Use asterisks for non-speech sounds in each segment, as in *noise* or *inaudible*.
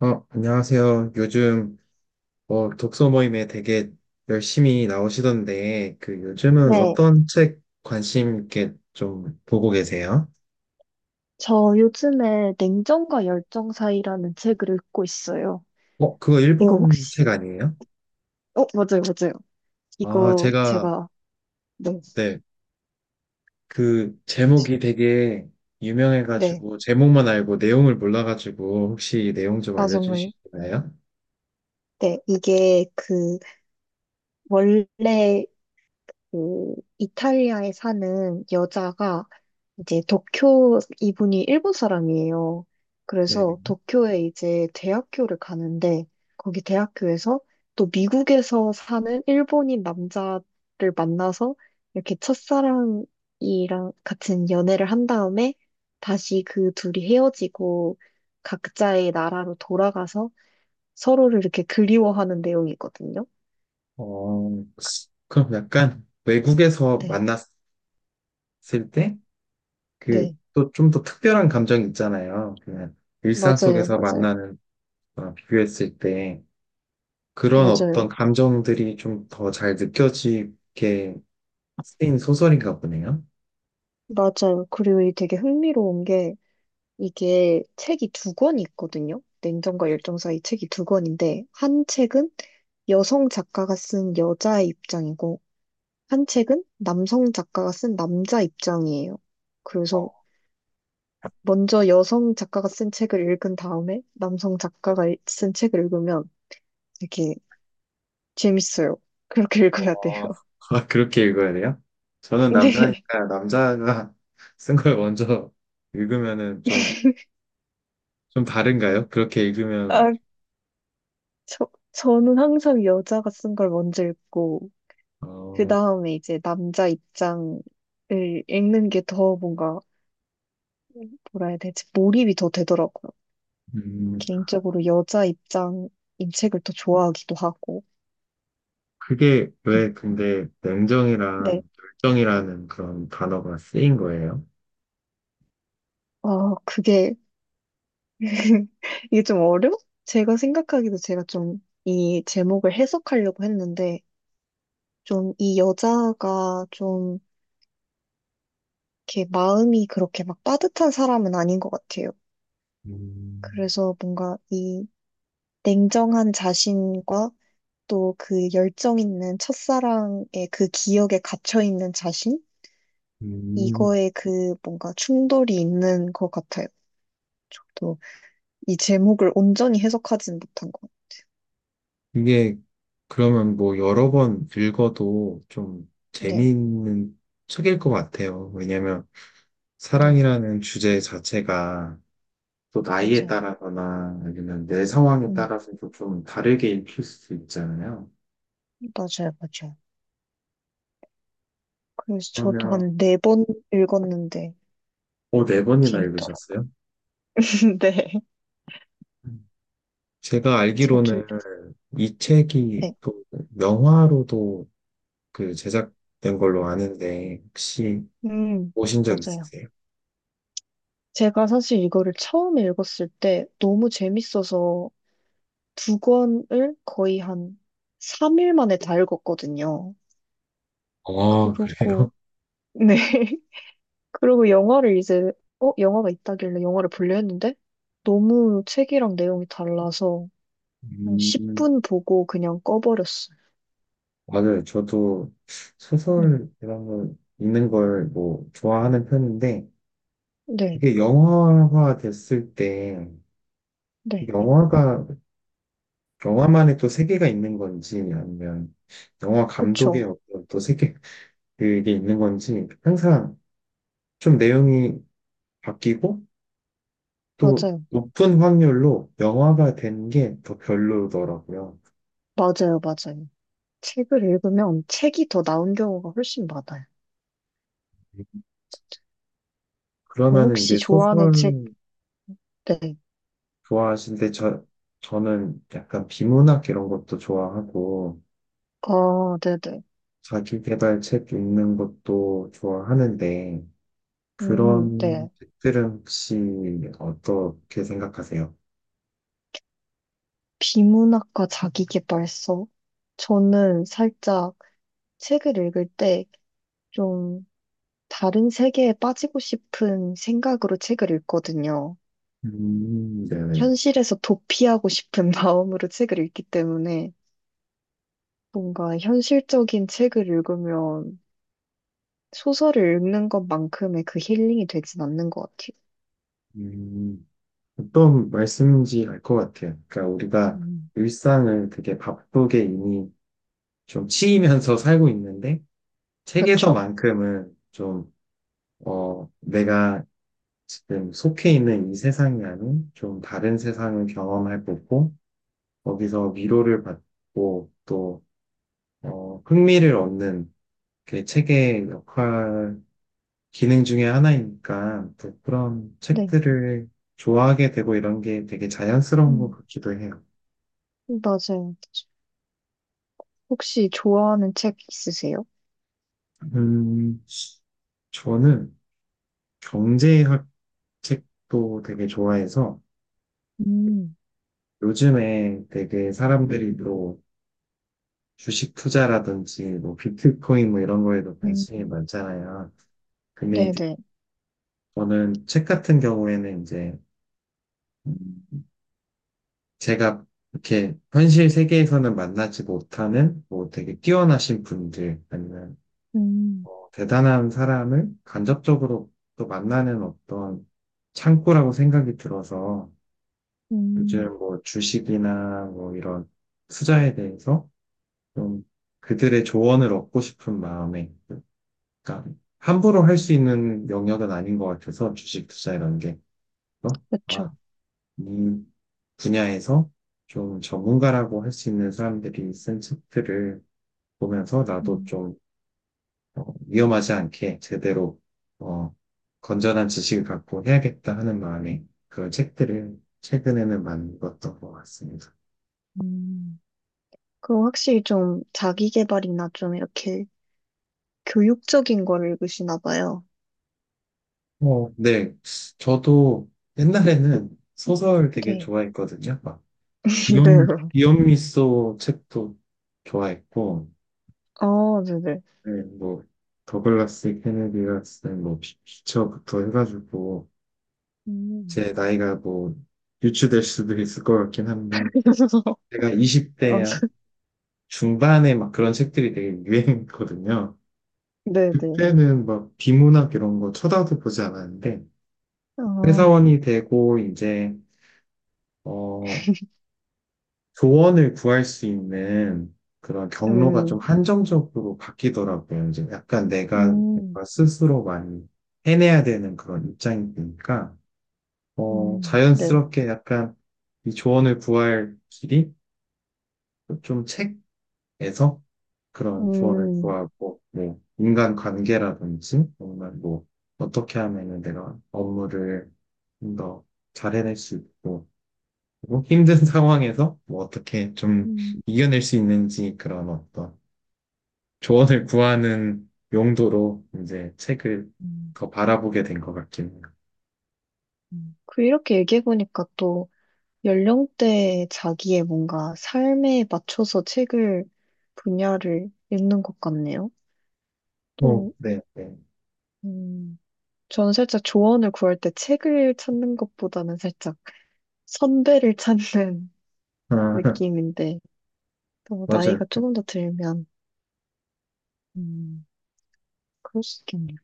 어, 안녕하세요. 요즘 독서 모임에 되게 열심히 나오시던데, 요즘은 네, 어떤 책 관심 있게 좀 보고 계세요? 저 요즘에 냉정과 열정 사이라는 책을 읽고 있어요. 어, 그거 이거 일본 혹시, 책 아니에요? 어, 맞아요, 맞아요. 아, 이거 제가, 제가, 네, 네, 그 시- 시- 제목이 되게 네, 유명해가지고, 제목만 알고 내용을 몰라가지고, 혹시 내용 좀 아, 정말. 알려주시나요? 네, 이게 그, 원래 그 이탈리아에 사는 여자가 이제 도쿄 이분이 일본 사람이에요. 네네. 그래서 도쿄에 이제 대학교를 가는데 거기 대학교에서 또 미국에서 사는 일본인 남자를 만나서 이렇게 첫사랑이랑 같은 연애를 한 다음에 다시 그 둘이 헤어지고 각자의 나라로 돌아가서 서로를 이렇게 그리워하는 내용이거든요. 어, 그럼 약간 외국에서 네, 만났을 때? 그, 네, 또 좀 더 특별한 감정 이 있잖아요. 그냥 일상 맞아요, 속에서 맞아요, 만나는 거랑 비교했을 때 그런 어떤 맞아요. 감정들이 좀 더 잘 느껴지게 쓰인 소설인가 보네요. 맞아요. 그리고 이 되게 흥미로운 게 이게 책이 두 권이 있거든요. 냉정과 네. 열정 사이 책이 2권인데 한 책은 여성 작가가 쓴 여자의 입장이고 한 책은 남성 작가가 쓴 남자 입장이에요. 그래서 어, 먼저 여성 작가가 쓴 책을 읽은 다음에 남성 네. 작가가 쓴 책을 읽으면 되게 재밌어요. *laughs* 그렇게 읽어야 돼요. 어, *laughs* 아, 그렇게 읽어야 돼요? *laughs* 저는 네. 남자니까 남자가 *laughs* 쓴 걸 먼저 읽으면은 좀, 좀 다른가요? 그렇게 읽으면, 아, 저는 항상 여자가 쓴 걸 먼저 읽고 그 어, 다음에 이제 남자 입장을 읽는 게 더 뭔가, 뭐라 해야 되지, 몰입이 더 되더라고요. 음, 개인적으로 여자 입장인 책을 더 좋아하기도 하고. 그게 음. 왜 근데 냉정이랑 네. 결정이라는 그런 단어가 쓰인 거예요? 아, 그게, *laughs* 이게 좀 어려워? 제가 생각하기도 제가 좀 이 제목을 해석하려고 했는데, 좀 이 여자가 좀 이렇게 마음이 그렇게 막 따뜻한 사람은 아닌 것 같아요. 음, 그래서 뭔가 이 냉정한 자신과 또 그 열정 있는 첫사랑의 그 기억에 갇혀 있는 자신? 음, 이거에 그 뭔가 충돌이 있는 것 같아요. 저도 이 제목을 온전히 해석하진 못한 것 같아요. 이게 그러면 뭐 여러 번 읽어도 좀 네, 재미있는 책일 것 같아요. 왜냐면 네, 사랑이라는 주제 자체가 또 나이에 맞아요. 따라서나 아니면 내 상황에 음, 따라서도 좀 다르게 읽힐 수 있잖아요. 맞아요, 맞아요. 그래서 저도 그러면 한 4번 읽었는데 어, 네 번이나 재밌더라고요. 읽으셨어요? *laughs* 네. 음. 제가 자주, 알기로는 이 책이 네. 또 영화로도 그 제작된 걸로 아는데 혹시 음, 보신 적 맞아요. 있으세요? 제가 사실 이거를 처음 읽었을 때 너무 재밌어서 2권을 거의 한 3일 만에 다 읽었거든요. 아, 그러고, 그래요? 네. *laughs* 그리고 영화를 이제, 어, 영화가 있다길래 영화를 보려 했는데, 너무 책이랑 내용이 달라서 한 음, 10분 보고 그냥 꺼버렸어요. 맞아요. 저도 네. 소설 이런 거 읽는 걸 뭐 좋아하는 편인데 네. 이게 영화화 됐을 때 네. 영화가 영화만의 또 세계가 있는 건지 아니면 영화 감독의 그쵸. 어떤 또 세계 *laughs* 그게 있는 건지 항상 좀 내용이 바뀌고 또 맞아요. 높은 확률로 영화가 된 게 더 별로더라고요. 맞아요. 맞아요. 책을 읽으면 책이 더 나은 경우가 훨씬 많아요. 그럼 그러면은 혹시 이제 좋아하는 책, 소설 네. 좋아하시는데 저는 약간 비문학 이런 것도 좋아하고 아, 네네. 자기계발 책 읽는 것도 좋아하는데 그런 네. 책들은 혹시 어떻게 생각하세요? 비문학과 자기계발서? 저는 살짝 책을 읽을 때 좀 다른 세계에 빠지고 싶은 생각으로 책을 읽거든요. 네네. 현실에서 도피하고 싶은 *laughs* 마음으로 책을 읽기 때문에 뭔가 현실적인 책을 읽으면 소설을 읽는 것만큼의 그 힐링이 되진 않는 것 같아요. 음, 어떤 말씀인지 알 것 같아요. 그러니까 우리가 음. 일상을 되게 바쁘게 이미 좀 치이면서 *laughs* 살고 있는데 그렇죠. 책에서만큼은 좀 어, 내가 지금 속해 있는 이 세상이랑은 좀 다른 세상을 경험해 보고 거기서 위로를 받고 또 어, 흥미를 얻는 그 책의 역할 기능 중에 하나이니까 또 그런 네. 책들을 좋아하게 되고 이런 게 되게 자연스러운 것 음, 같기도 해요. 맞아요. 혹시 좋아하는 책 있으세요? 음, 저는 경제학 책도 되게 좋아해서 음. 요즘에 되게 사람들이 또 주식 투자라든지 뭐 비트코인 뭐 이런 거에도 음. 관심이 많잖아요. 근데 이제 네네. 저는 책 같은 경우에는 이제 음, 제가 이렇게 현실 세계에서는 만나지 못하는 뭐 되게 뛰어나신 분들 아니면 음. 뭐 대단한 사람을 간접적으로 또 만나는 어떤 창구라고 생각이 들어서 음. 요즘 뭐 주식이나 뭐 이런 투자에 대해서 좀 그들의 조언을 얻고 싶은 마음에 그러니까 함부로 할 수 음, 있는 영역은 아닌 것 같아서 주식 투자라는 게. 어? 그 아, 렇 이 분야에서 좀 전문가라고 할 수 있는 사람들이 쓴 책들을 보면서 나도 음, 좀 어, 위험하지 않게 제대로 어, 건전한 지식을 갖고 해야겠다 하는 마음에 그런 책들을 최근에는 많이 읽었던 것 같습니다. 음. 그럼 확실히 좀 자기 개발이나 좀 이렇게 교육적인 거를 읽으시나 봐요. 어, 네. 저도 옛날에는 소설 되게 네. 좋아했거든요. 막 *laughs* 네 기욤미소 책도 좋아했고, 어, 네네. 네, 뭐, 더글라스 케네디가 쓴 뭐, 피처부터 해가지고, 음. 제 나이가 뭐, 유추될 수도 있을 것 같긴 한데, *laughs* 제가 어, 20대 중반에 막 그런 책들이 되게 유행했거든요. 네네. 그때는 막 비문학 이런 거 쳐다도 보지 않았는데, 어, 회사원이 되고, 이제, 어, 조언을 구할 수 있는 그런 경로가 좀 음, 한정적으로 바뀌더라고요. 이제 약간 내가 음, 뭔가 스스로 많이 해내야 되는 그런 입장이 되니까, 어, 네. 자연스럽게 약간 이 조언을 구할 길이 좀 책에서 그런 조언을 음. 구하고, 뭐, 인간 관계라든지, 정말 뭐, 어떻게 하면은 내가 업무를 좀 더 잘 해낼 수 있고, 뭐 힘든 *laughs* 상황에서 뭐 어떻게 좀 음. 이겨낼 수 있는지 그런 어떤 조언을 구하는 용도로 이제 책을 음. 더 바라보게 된 것 같긴 해요. 음. 그 이렇게 얘기해보니까 또 연령대 자기의 뭔가 삶에 맞춰서 책을 분야를 읽는 것 같네요. 어, 또, 네, 네. 저는 살짝 조언을 구할 때 책을 찾는 것보다는 살짝 선배를 찾는 *laughs* 아, *laughs* 느낌인데, 또 맞아요. 나이가 그, 조금 더 들면, 음, 그럴 수 있겠네요.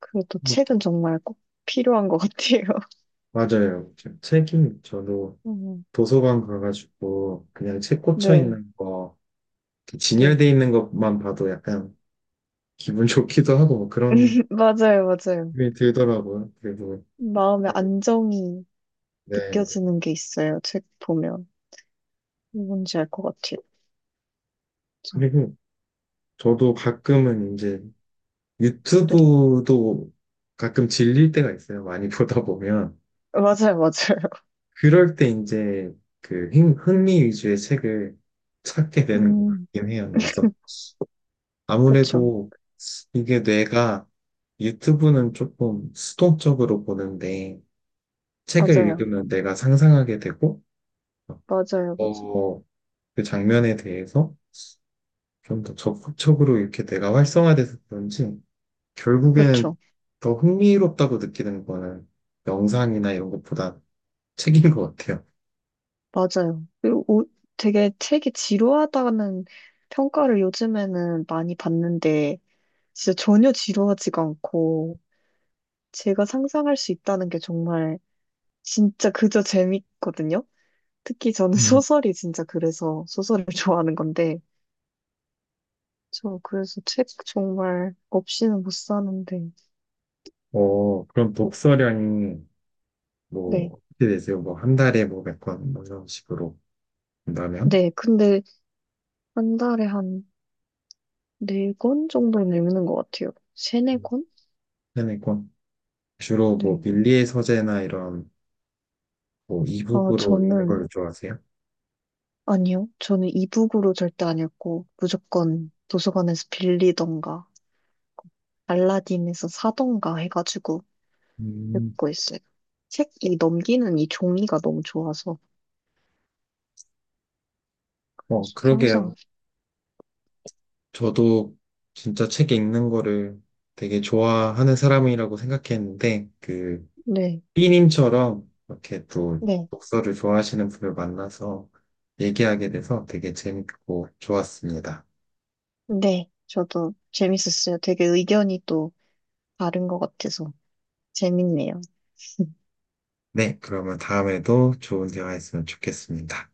그래도 뭐, 책은 정말 꼭 필요한 것 같아요. *laughs* 맞아요. 저- 책이 저도 음, 도서관 가가지고 그냥 책 꽂혀 네, 있는 거, 이렇게 네. 진열돼 있는 것만 봐도 약간 기분 *laughs* 좋기도 하고 뭐 그런 *laughs* 맞아요, 맞아요. 기분이 들더라고요. 그리고, 마음의 안정이 네. 느껴지는 게 있어요. 책 보면. 뭔지 알 것 같아요. 그렇죠. 그리고 저도 가끔은 이제 네. 유튜브도 가끔 질릴 때가 있어요. 많이 *laughs* 보다 보면. 맞아요, 맞아요. *laughs* 그럴 때 이제 그 흥미 위주의 책을 찾게 되는 것 음, 같긴 해요. 그래서 그쵸. 아무래도 이게 뇌가 유튜브는 조금 수동적으로 보는데 책을 맞아요. 읽으면 내가 상상하게 되고 맞아요, 맞아요. 어, 그 장면에 대해서 좀 더 적극적으로 이렇게 내가 활성화돼서 그런지 결국에는 그쵸. 더 흥미롭다고 느끼는 거는 영상이나 이런 것보다 책인 것 같아요. 맞아요. 그리고 되게 책이 지루하다는 평가를 요즘에는 많이 받는데, 진짜 전혀 지루하지가 않고, 제가 상상할 수 있다는 게 정말 진짜 그저 재밌거든요. 특히 저는 *laughs* 음. 소설이 진짜 그래서 소설을 *laughs* 좋아하는 건데, 저 그래서 책 정말 없이는 못 사는데, 어, 그럼 어, 독서량이 네. 뭐, 어떻게 되세요? 뭐, 한 달에 뭐, 몇 권, 뭐 이런 식으로 본다면? 네, 근데 한 달에 한 4권 정도는 읽는 것 같아요. 세네 음. 권? 네네 권. 주로 뭐, 네. 밀리의 서재나 이런, 뭐, 아, 이북으로 읽는 저는 걸 좋아하세요? 아니요. 저는 이북으로 절대 안 읽고 무조건 도서관에서 빌리던가 알라딘에서 사던가 해가지고 음. 읽고 있어요. 책이 넘기는 이 종이가 너무 좋아서 어, 그러게요. 항상 저도 진짜 책 읽는 거를 되게 좋아하는 사람이라고 생각했는데, 그, 네, B님처럼 이렇게 또 네, 독서를 좋아하시는 분을 만나서 얘기하게 돼서 되게 재밌고 좋았습니다. 네. 저도 재밌었어요. 되게 의견이 또 다른 것 같아서 재밌네요. 네, 그러면 다음에도 좋은 대화했으면 좋겠습니다.